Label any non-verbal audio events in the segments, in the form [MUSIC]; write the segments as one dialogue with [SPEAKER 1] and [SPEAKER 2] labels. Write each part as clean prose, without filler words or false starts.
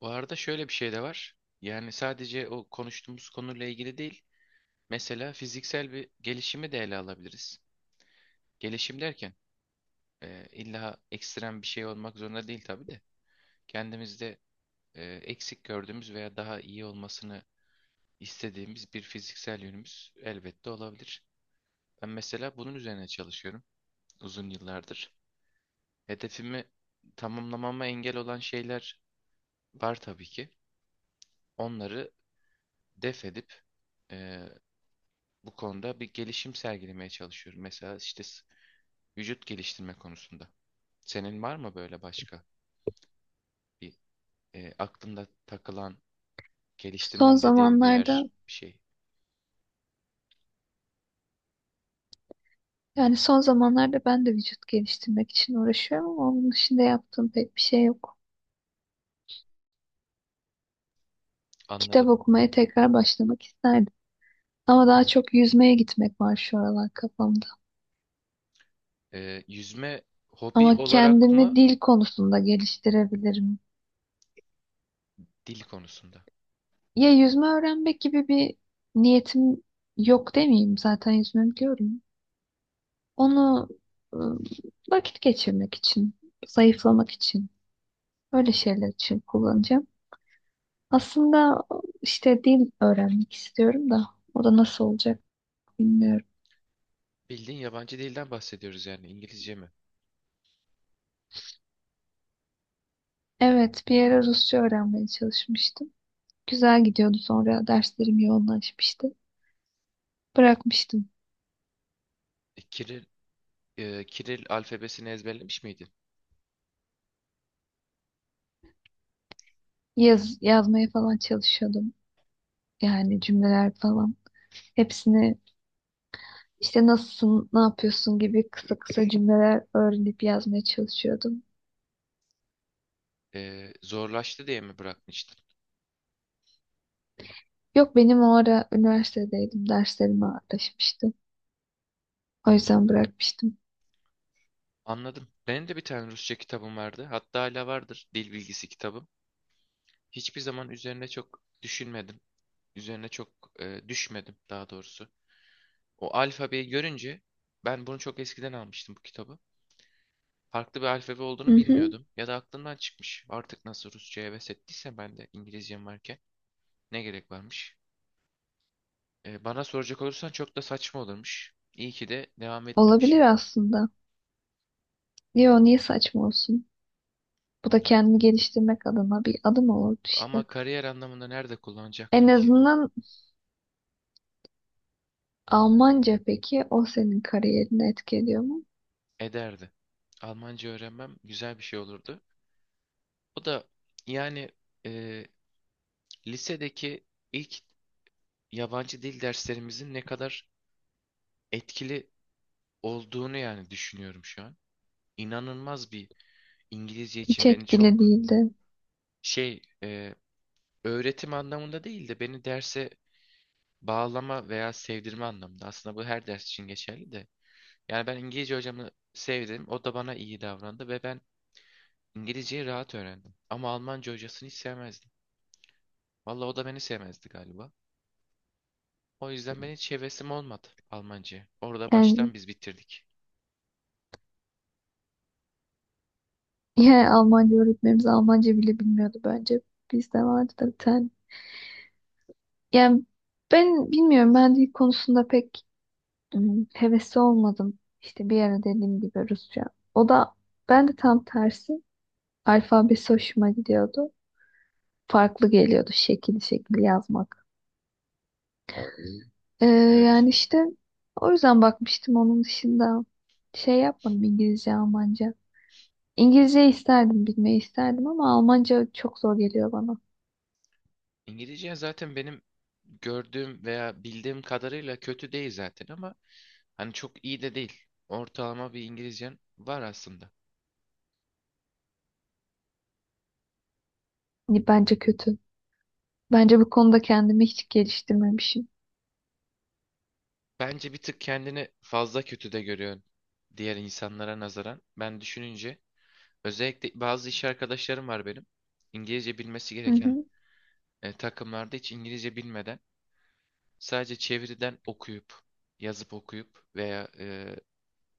[SPEAKER 1] Bu arada şöyle bir şey de var. Yani sadece o konuştuğumuz konuyla ilgili değil. Mesela fiziksel bir gelişimi de ele alabiliriz. Gelişim derken illa ekstrem bir şey olmak zorunda değil tabii de. Kendimizde eksik gördüğümüz veya daha iyi olmasını istediğimiz bir fiziksel yönümüz elbette olabilir. Ben mesela bunun üzerine çalışıyorum uzun yıllardır. Hedefimi tamamlamama engel olan şeyler var tabii ki. Onları def edip e, bu konuda bir gelişim sergilemeye çalışıyorum. Mesela vücut geliştirme konusunda. Senin var mı böyle başka bir aklında takılan
[SPEAKER 2] Son
[SPEAKER 1] geliştirmem dediğin bir
[SPEAKER 2] zamanlarda
[SPEAKER 1] yer bir şey?
[SPEAKER 2] yani son zamanlarda ben de vücut geliştirmek için uğraşıyorum ama onun dışında yaptığım pek bir şey yok. Kitap
[SPEAKER 1] Anladım.
[SPEAKER 2] okumaya tekrar başlamak isterdim. Ama daha çok yüzmeye gitmek var şu aralar kafamda.
[SPEAKER 1] E, yüzme hobi
[SPEAKER 2] Ama
[SPEAKER 1] olarak mı,
[SPEAKER 2] kendimi dil konusunda geliştirebilirim.
[SPEAKER 1] dil konusunda?
[SPEAKER 2] Ya yüzme öğrenmek gibi bir niyetim yok demeyeyim. Zaten yüzme biliyorum. Onu ıı, vakit geçirmek için, zayıflamak için, öyle şeyler için kullanacağım. Aslında işte dil öğrenmek istiyorum da o da nasıl olacak bilmiyorum.
[SPEAKER 1] Bildiğin yabancı dilden bahsediyoruz, yani İngilizce mi?
[SPEAKER 2] Evet, bir ara Rusça öğrenmeye çalışmıştım. Güzel gidiyordu sonra derslerim yoğunlaşmıştı. Bırakmıştım.
[SPEAKER 1] E, Kiril, Kiril alfabesini ezberlemiş miydin?
[SPEAKER 2] Yazmaya falan çalışıyordum. Yani cümleler falan. Hepsini işte nasılsın, ne yapıyorsun gibi kısa kısa cümleler öğrenip yazmaya çalışıyordum.
[SPEAKER 1] E, zorlaştı diye mi bırakmıştın?
[SPEAKER 2] Yok, benim o ara üniversitedeydim. Derslerim ağırlaşmıştı. O yüzden bırakmıştım.
[SPEAKER 1] Anladım. Benim de bir tane Rusça kitabım vardı. Hatta hala vardır. Dil bilgisi kitabım. Hiçbir zaman üzerine çok düşünmedim. Üzerine çok düşmedim daha doğrusu. O alfabeyi görünce ben bunu çok eskiden almıştım bu kitabı. Farklı bir alfabe
[SPEAKER 2] Hı
[SPEAKER 1] olduğunu
[SPEAKER 2] hı.
[SPEAKER 1] bilmiyordum. Ya da aklımdan çıkmış. Artık nasıl Rusça'ya heves ettiyse ben de İngilizcem varken ne gerek varmış? E, bana soracak olursan çok da saçma olurmuş. İyi ki de devam
[SPEAKER 2] Olabilir
[SPEAKER 1] etmemişim.
[SPEAKER 2] aslında. Yo, niye saçma olsun? Bu da kendini geliştirmek adına bir adım olurdu
[SPEAKER 1] Ama
[SPEAKER 2] işte.
[SPEAKER 1] kariyer anlamında nerede
[SPEAKER 2] En
[SPEAKER 1] kullanacaktım ki?
[SPEAKER 2] azından Almanca peki, o senin kariyerini etkiliyor mu?
[SPEAKER 1] Ederdi. Almanca öğrenmem güzel bir şey olurdu. O da yani e, lisedeki ilk yabancı dil derslerimizin ne kadar etkili olduğunu yani düşünüyorum şu an. İnanılmaz bir İngilizce
[SPEAKER 2] Hiç
[SPEAKER 1] için beni
[SPEAKER 2] etkili
[SPEAKER 1] çok
[SPEAKER 2] değildi.
[SPEAKER 1] şey e, öğretim anlamında değil de beni derse bağlama veya sevdirme anlamında. Aslında bu her ders için geçerli de. Yani ben İngilizce hocamı sevdim. O da bana iyi davrandı ve ben İngilizceyi rahat öğrendim. Ama Almanca hocasını hiç sevmezdim. Vallahi o da beni sevmezdi galiba. O yüzden benim hiç hevesim olmadı Almanca'ya. Orada
[SPEAKER 2] Yani,
[SPEAKER 1] baştan biz bitirdik.
[SPEAKER 2] [LAUGHS] yani Almanca öğretmenimiz Almanca bile bilmiyordu bence. Bizde vardı da bir tane. Yani ben bilmiyorum, ben dil konusunda pek hevesli olmadım. İşte bir ara dediğim gibi Rusça. O da ben de tam tersi alfabesi hoşuma gidiyordu. Farklı geliyordu şekil şekil yazmak. Ee,
[SPEAKER 1] Evet.
[SPEAKER 2] Yani işte o yüzden bakmıştım, onun dışında şey yapmadım, İngilizce, Almanca. İngilizce isterdim, bilmeyi isterdim ama Almanca çok zor geliyor bana.
[SPEAKER 1] İngilizce zaten benim gördüğüm veya bildiğim kadarıyla kötü değil zaten, ama hani çok iyi de değil. Ortalama bir İngilizcen var aslında.
[SPEAKER 2] Hani bence kötü. Bence bu konuda kendimi hiç geliştirmemişim.
[SPEAKER 1] Bence bir tık kendini fazla kötü de görüyorsun diğer insanlara nazaran. Ben düşününce özellikle bazı iş arkadaşlarım var benim. İngilizce bilmesi
[SPEAKER 2] Hı
[SPEAKER 1] gereken
[SPEAKER 2] hı.
[SPEAKER 1] takımlarda hiç İngilizce bilmeden sadece çeviriden okuyup, yazıp okuyup veya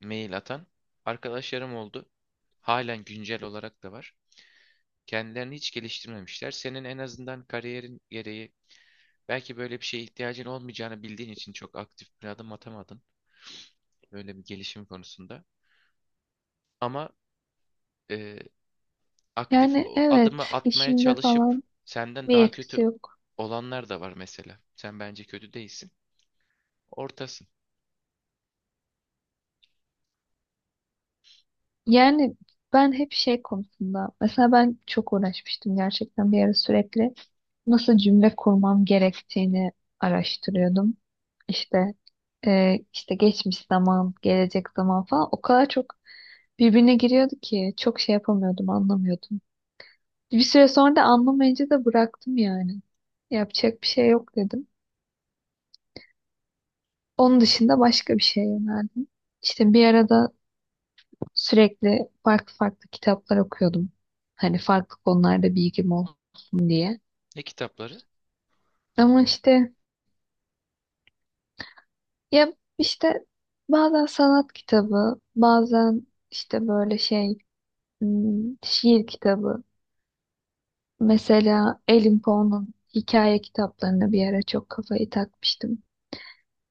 [SPEAKER 1] mail atan arkadaşlarım oldu. Halen güncel olarak da var. Kendilerini hiç geliştirmemişler. Senin en azından kariyerin gereği belki böyle bir şeye ihtiyacın olmayacağını bildiğin için çok aktif bir adım atamadın. Böyle bir gelişim konusunda. Ama e, aktif
[SPEAKER 2] Yani
[SPEAKER 1] o
[SPEAKER 2] evet,
[SPEAKER 1] adımı atmaya
[SPEAKER 2] işimde
[SPEAKER 1] çalışıp
[SPEAKER 2] falan
[SPEAKER 1] senden
[SPEAKER 2] bir
[SPEAKER 1] daha kötü
[SPEAKER 2] etkisi yok.
[SPEAKER 1] olanlar da var mesela. Sen bence kötü değilsin. Ortasın.
[SPEAKER 2] Yani ben hep şey konusunda, mesela ben çok uğraşmıştım gerçekten, bir ara sürekli nasıl cümle kurmam gerektiğini araştırıyordum. İşte işte geçmiş zaman, gelecek zaman falan o kadar çok birbirine giriyordu ki çok şey yapamıyordum, anlamıyordum. Bir süre sonra da anlamayınca da bıraktım yani. Yapacak bir şey yok dedim. Onun dışında başka bir şeye yöneldim. İşte bir arada sürekli farklı farklı kitaplar okuyordum. Hani farklı konularda bilgim olsun diye.
[SPEAKER 1] Ne kitapları?
[SPEAKER 2] Ama işte ya işte bazen sanat kitabı, bazen işte böyle şiir kitabı. Mesela Edin Poe'nun hikaye kitaplarına bir ara çok kafayı takmıştım.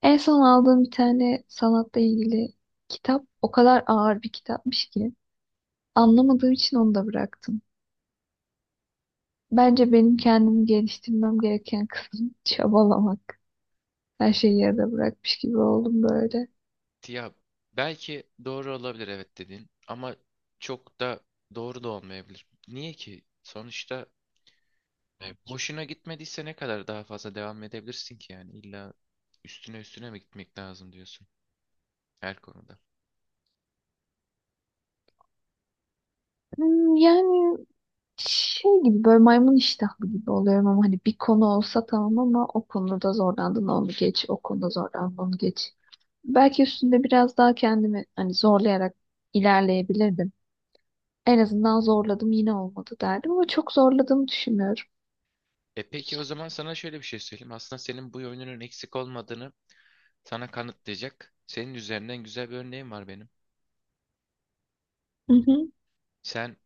[SPEAKER 2] En son aldığım bir tane sanatla ilgili kitap o kadar ağır bir kitapmış ki anlamadığım için onu da bıraktım. Bence benim kendimi geliştirmem gereken kısım [LAUGHS] çabalamak. Her şeyi yarıda bırakmış gibi oldum böyle.
[SPEAKER 1] Ya belki doğru olabilir, evet, dediğin ama çok da doğru da olmayabilir. Niye ki? Sonuçta hoşuna gitmediyse ne kadar daha fazla devam edebilirsin ki, yani illa üstüne üstüne mi gitmek lazım diyorsun her konuda.
[SPEAKER 2] Yani şey gibi, böyle maymun iştahlı gibi oluyorum ama hani bir konu olsa tamam, ama o konuda zorlandın onu geç, o konuda zorlandın onu geç. Belki üstünde biraz daha kendimi hani zorlayarak ilerleyebilirdim. En azından zorladım yine olmadı derdim ama çok zorladığımı düşünmüyorum.
[SPEAKER 1] E peki o zaman sana şöyle bir şey söyleyeyim. Aslında senin bu yönünün eksik olmadığını sana kanıtlayacak senin üzerinden güzel bir örneğim var benim.
[SPEAKER 2] Hı hı.
[SPEAKER 1] Sen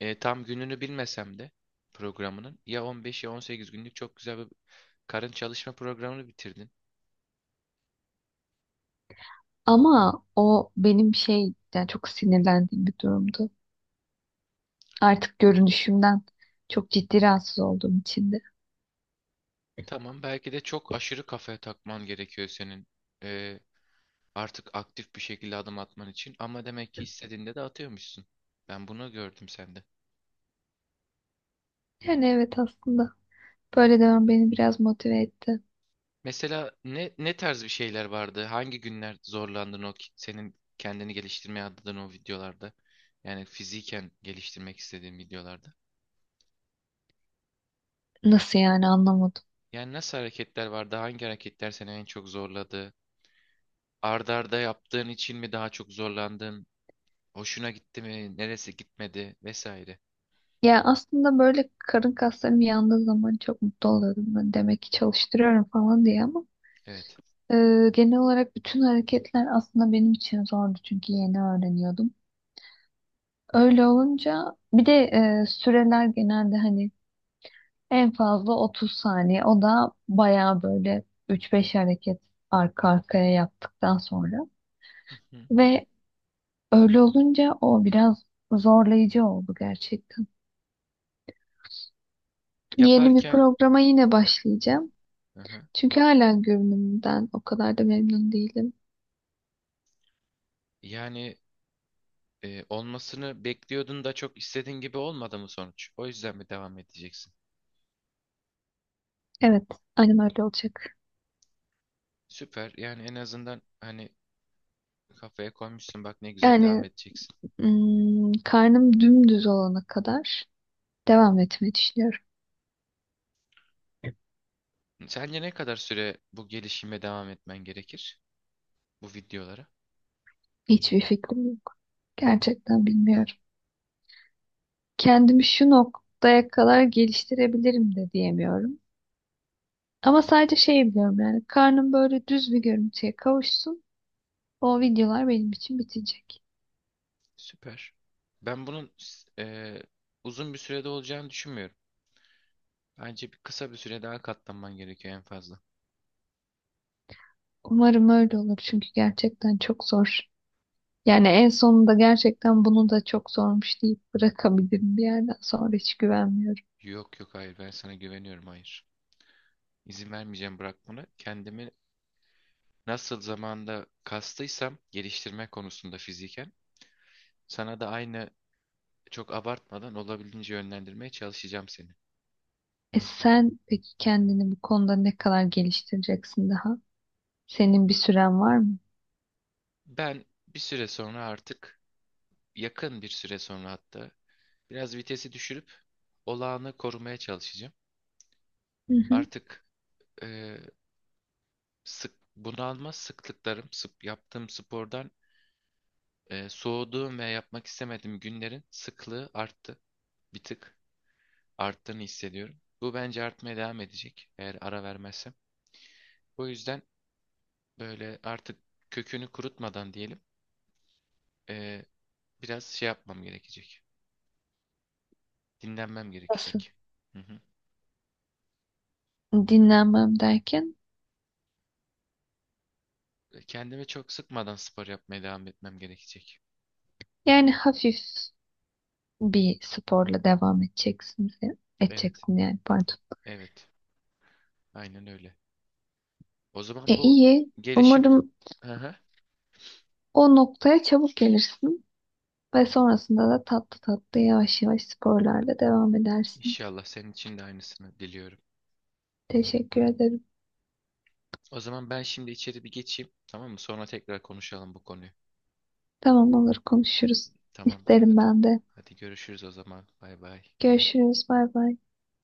[SPEAKER 1] tam gününü bilmesem de programının ya 15 ya 18 günlük çok güzel bir karın çalışma programını bitirdin.
[SPEAKER 2] Ama o benim şey, yani çok sinirlendiğim bir durumdu. Artık görünüşümden çok ciddi rahatsız olduğum için de.
[SPEAKER 1] Tamam, belki de çok aşırı kafaya takman gerekiyor senin, e, artık aktif bir şekilde adım atman için, ama demek ki istediğinde de atıyormuşsun. Ben bunu gördüm sende.
[SPEAKER 2] Yani evet, aslında böyle devam beni biraz motive etti.
[SPEAKER 1] Mesela ne, ne tarz bir şeyler vardı? Hangi günler zorlandın senin kendini geliştirmeye adadığın o videolarda? Yani fiziken geliştirmek istediğin videolarda.
[SPEAKER 2] Nasıl yani, anlamadım.
[SPEAKER 1] Yani nasıl hareketler vardı? Hangi hareketler seni en çok zorladı? Arda arda yaptığın için mi daha çok zorlandın? Hoşuna gitti mi? Neresi gitmedi? Vesaire.
[SPEAKER 2] Ya aslında böyle karın kaslarım yandığı zaman çok mutlu oluyordum. Ben demek ki çalıştırıyorum falan diye ama
[SPEAKER 1] Evet.
[SPEAKER 2] e, genel olarak bütün hareketler aslında benim için zordu çünkü yeni öğreniyordum. Öyle olunca bir de süreler genelde hani en fazla 30 saniye. O da bayağı böyle 3-5 hareket arka arkaya yaptıktan sonra.
[SPEAKER 1] Hı hı.
[SPEAKER 2] Ve öyle olunca o biraz zorlayıcı oldu gerçekten. Yeni bir
[SPEAKER 1] Yaparken.
[SPEAKER 2] programa yine başlayacağım.
[SPEAKER 1] Hı hı.
[SPEAKER 2] Çünkü hala görünümümden o kadar da memnun değilim.
[SPEAKER 1] Yani olmasını bekliyordun da çok istediğin gibi olmadı mı sonuç? O yüzden mi devam edeceksin?
[SPEAKER 2] Evet, aynen öyle olacak.
[SPEAKER 1] Süper. Yani en azından hani kafaya koymuşsun, bak ne güzel devam
[SPEAKER 2] Yani
[SPEAKER 1] edeceksin.
[SPEAKER 2] Karnım dümdüz olana kadar devam etmeyi düşünüyorum.
[SPEAKER 1] Sence ne kadar süre bu gelişime devam etmen gerekir? Bu videolara.
[SPEAKER 2] Hiçbir fikrim yok. Gerçekten bilmiyorum. Kendimi şu noktaya kadar geliştirebilirim de diyemiyorum. Ama sadece şey biliyorum, yani karnım böyle düz bir görüntüye kavuşsun. O videolar benim için bitecek.
[SPEAKER 1] Süper. Ben bunun e, uzun bir sürede olacağını düşünmüyorum. Bence bir kısa bir süre daha katlanman gerekiyor en fazla.
[SPEAKER 2] Umarım öyle olur çünkü gerçekten çok zor. Yani en sonunda gerçekten bunu da çok zormuş deyip bırakabilirim, bir yerden sonra hiç güvenmiyorum.
[SPEAKER 1] Yok yok, hayır, ben sana güveniyorum, hayır. İzin vermeyeceğim, bırak bunu. Kendimi nasıl zamanda kastıysam geliştirme konusunda fiziken, sana da aynı, çok abartmadan olabildiğince yönlendirmeye çalışacağım seni.
[SPEAKER 2] E sen peki kendini bu konuda ne kadar geliştireceksin daha? Senin bir süren var mı?
[SPEAKER 1] Ben bir süre sonra artık, yakın bir süre sonra hatta, biraz vitesi düşürüp olağanı korumaya çalışacağım.
[SPEAKER 2] Hı hı.
[SPEAKER 1] Artık e, sık bunalma sıklıklarım yaptığım spordan soğuduğum ve yapmak istemediğim günlerin sıklığı arttı. Bir tık arttığını hissediyorum. Bu bence artmaya devam edecek eğer ara vermezsem. O yüzden böyle artık kökünü kurutmadan diyelim. e, Biraz şey yapmam gerekecek. Dinlenmem
[SPEAKER 2] Nasıl?
[SPEAKER 1] gerekecek. Hı hı.
[SPEAKER 2] Dinlenmem derken
[SPEAKER 1] Kendime çok sıkmadan spor yapmaya devam etmem gerekecek.
[SPEAKER 2] yani hafif bir sporla
[SPEAKER 1] Evet,
[SPEAKER 2] edeceksin yani, pardon.
[SPEAKER 1] evet. Aynen öyle. O
[SPEAKER 2] E,
[SPEAKER 1] zaman bu
[SPEAKER 2] iyi.
[SPEAKER 1] gelişim...
[SPEAKER 2] Umarım
[SPEAKER 1] Hı hı.
[SPEAKER 2] o noktaya çabuk gelirsin ve sonrasında da tatlı tatlı yavaş yavaş sporlarla devam edersin.
[SPEAKER 1] İnşallah senin için de aynısını diliyorum.
[SPEAKER 2] Teşekkür ederim.
[SPEAKER 1] O zaman ben şimdi içeri bir geçeyim. Tamam mı? Sonra tekrar konuşalım bu konuyu.
[SPEAKER 2] Tamam, olur, konuşuruz.
[SPEAKER 1] Tamamdır,
[SPEAKER 2] İsterim
[SPEAKER 1] hadi.
[SPEAKER 2] ben de.
[SPEAKER 1] Hadi görüşürüz o zaman. Bay bay.
[SPEAKER 2] Görüşürüz. Bay bay.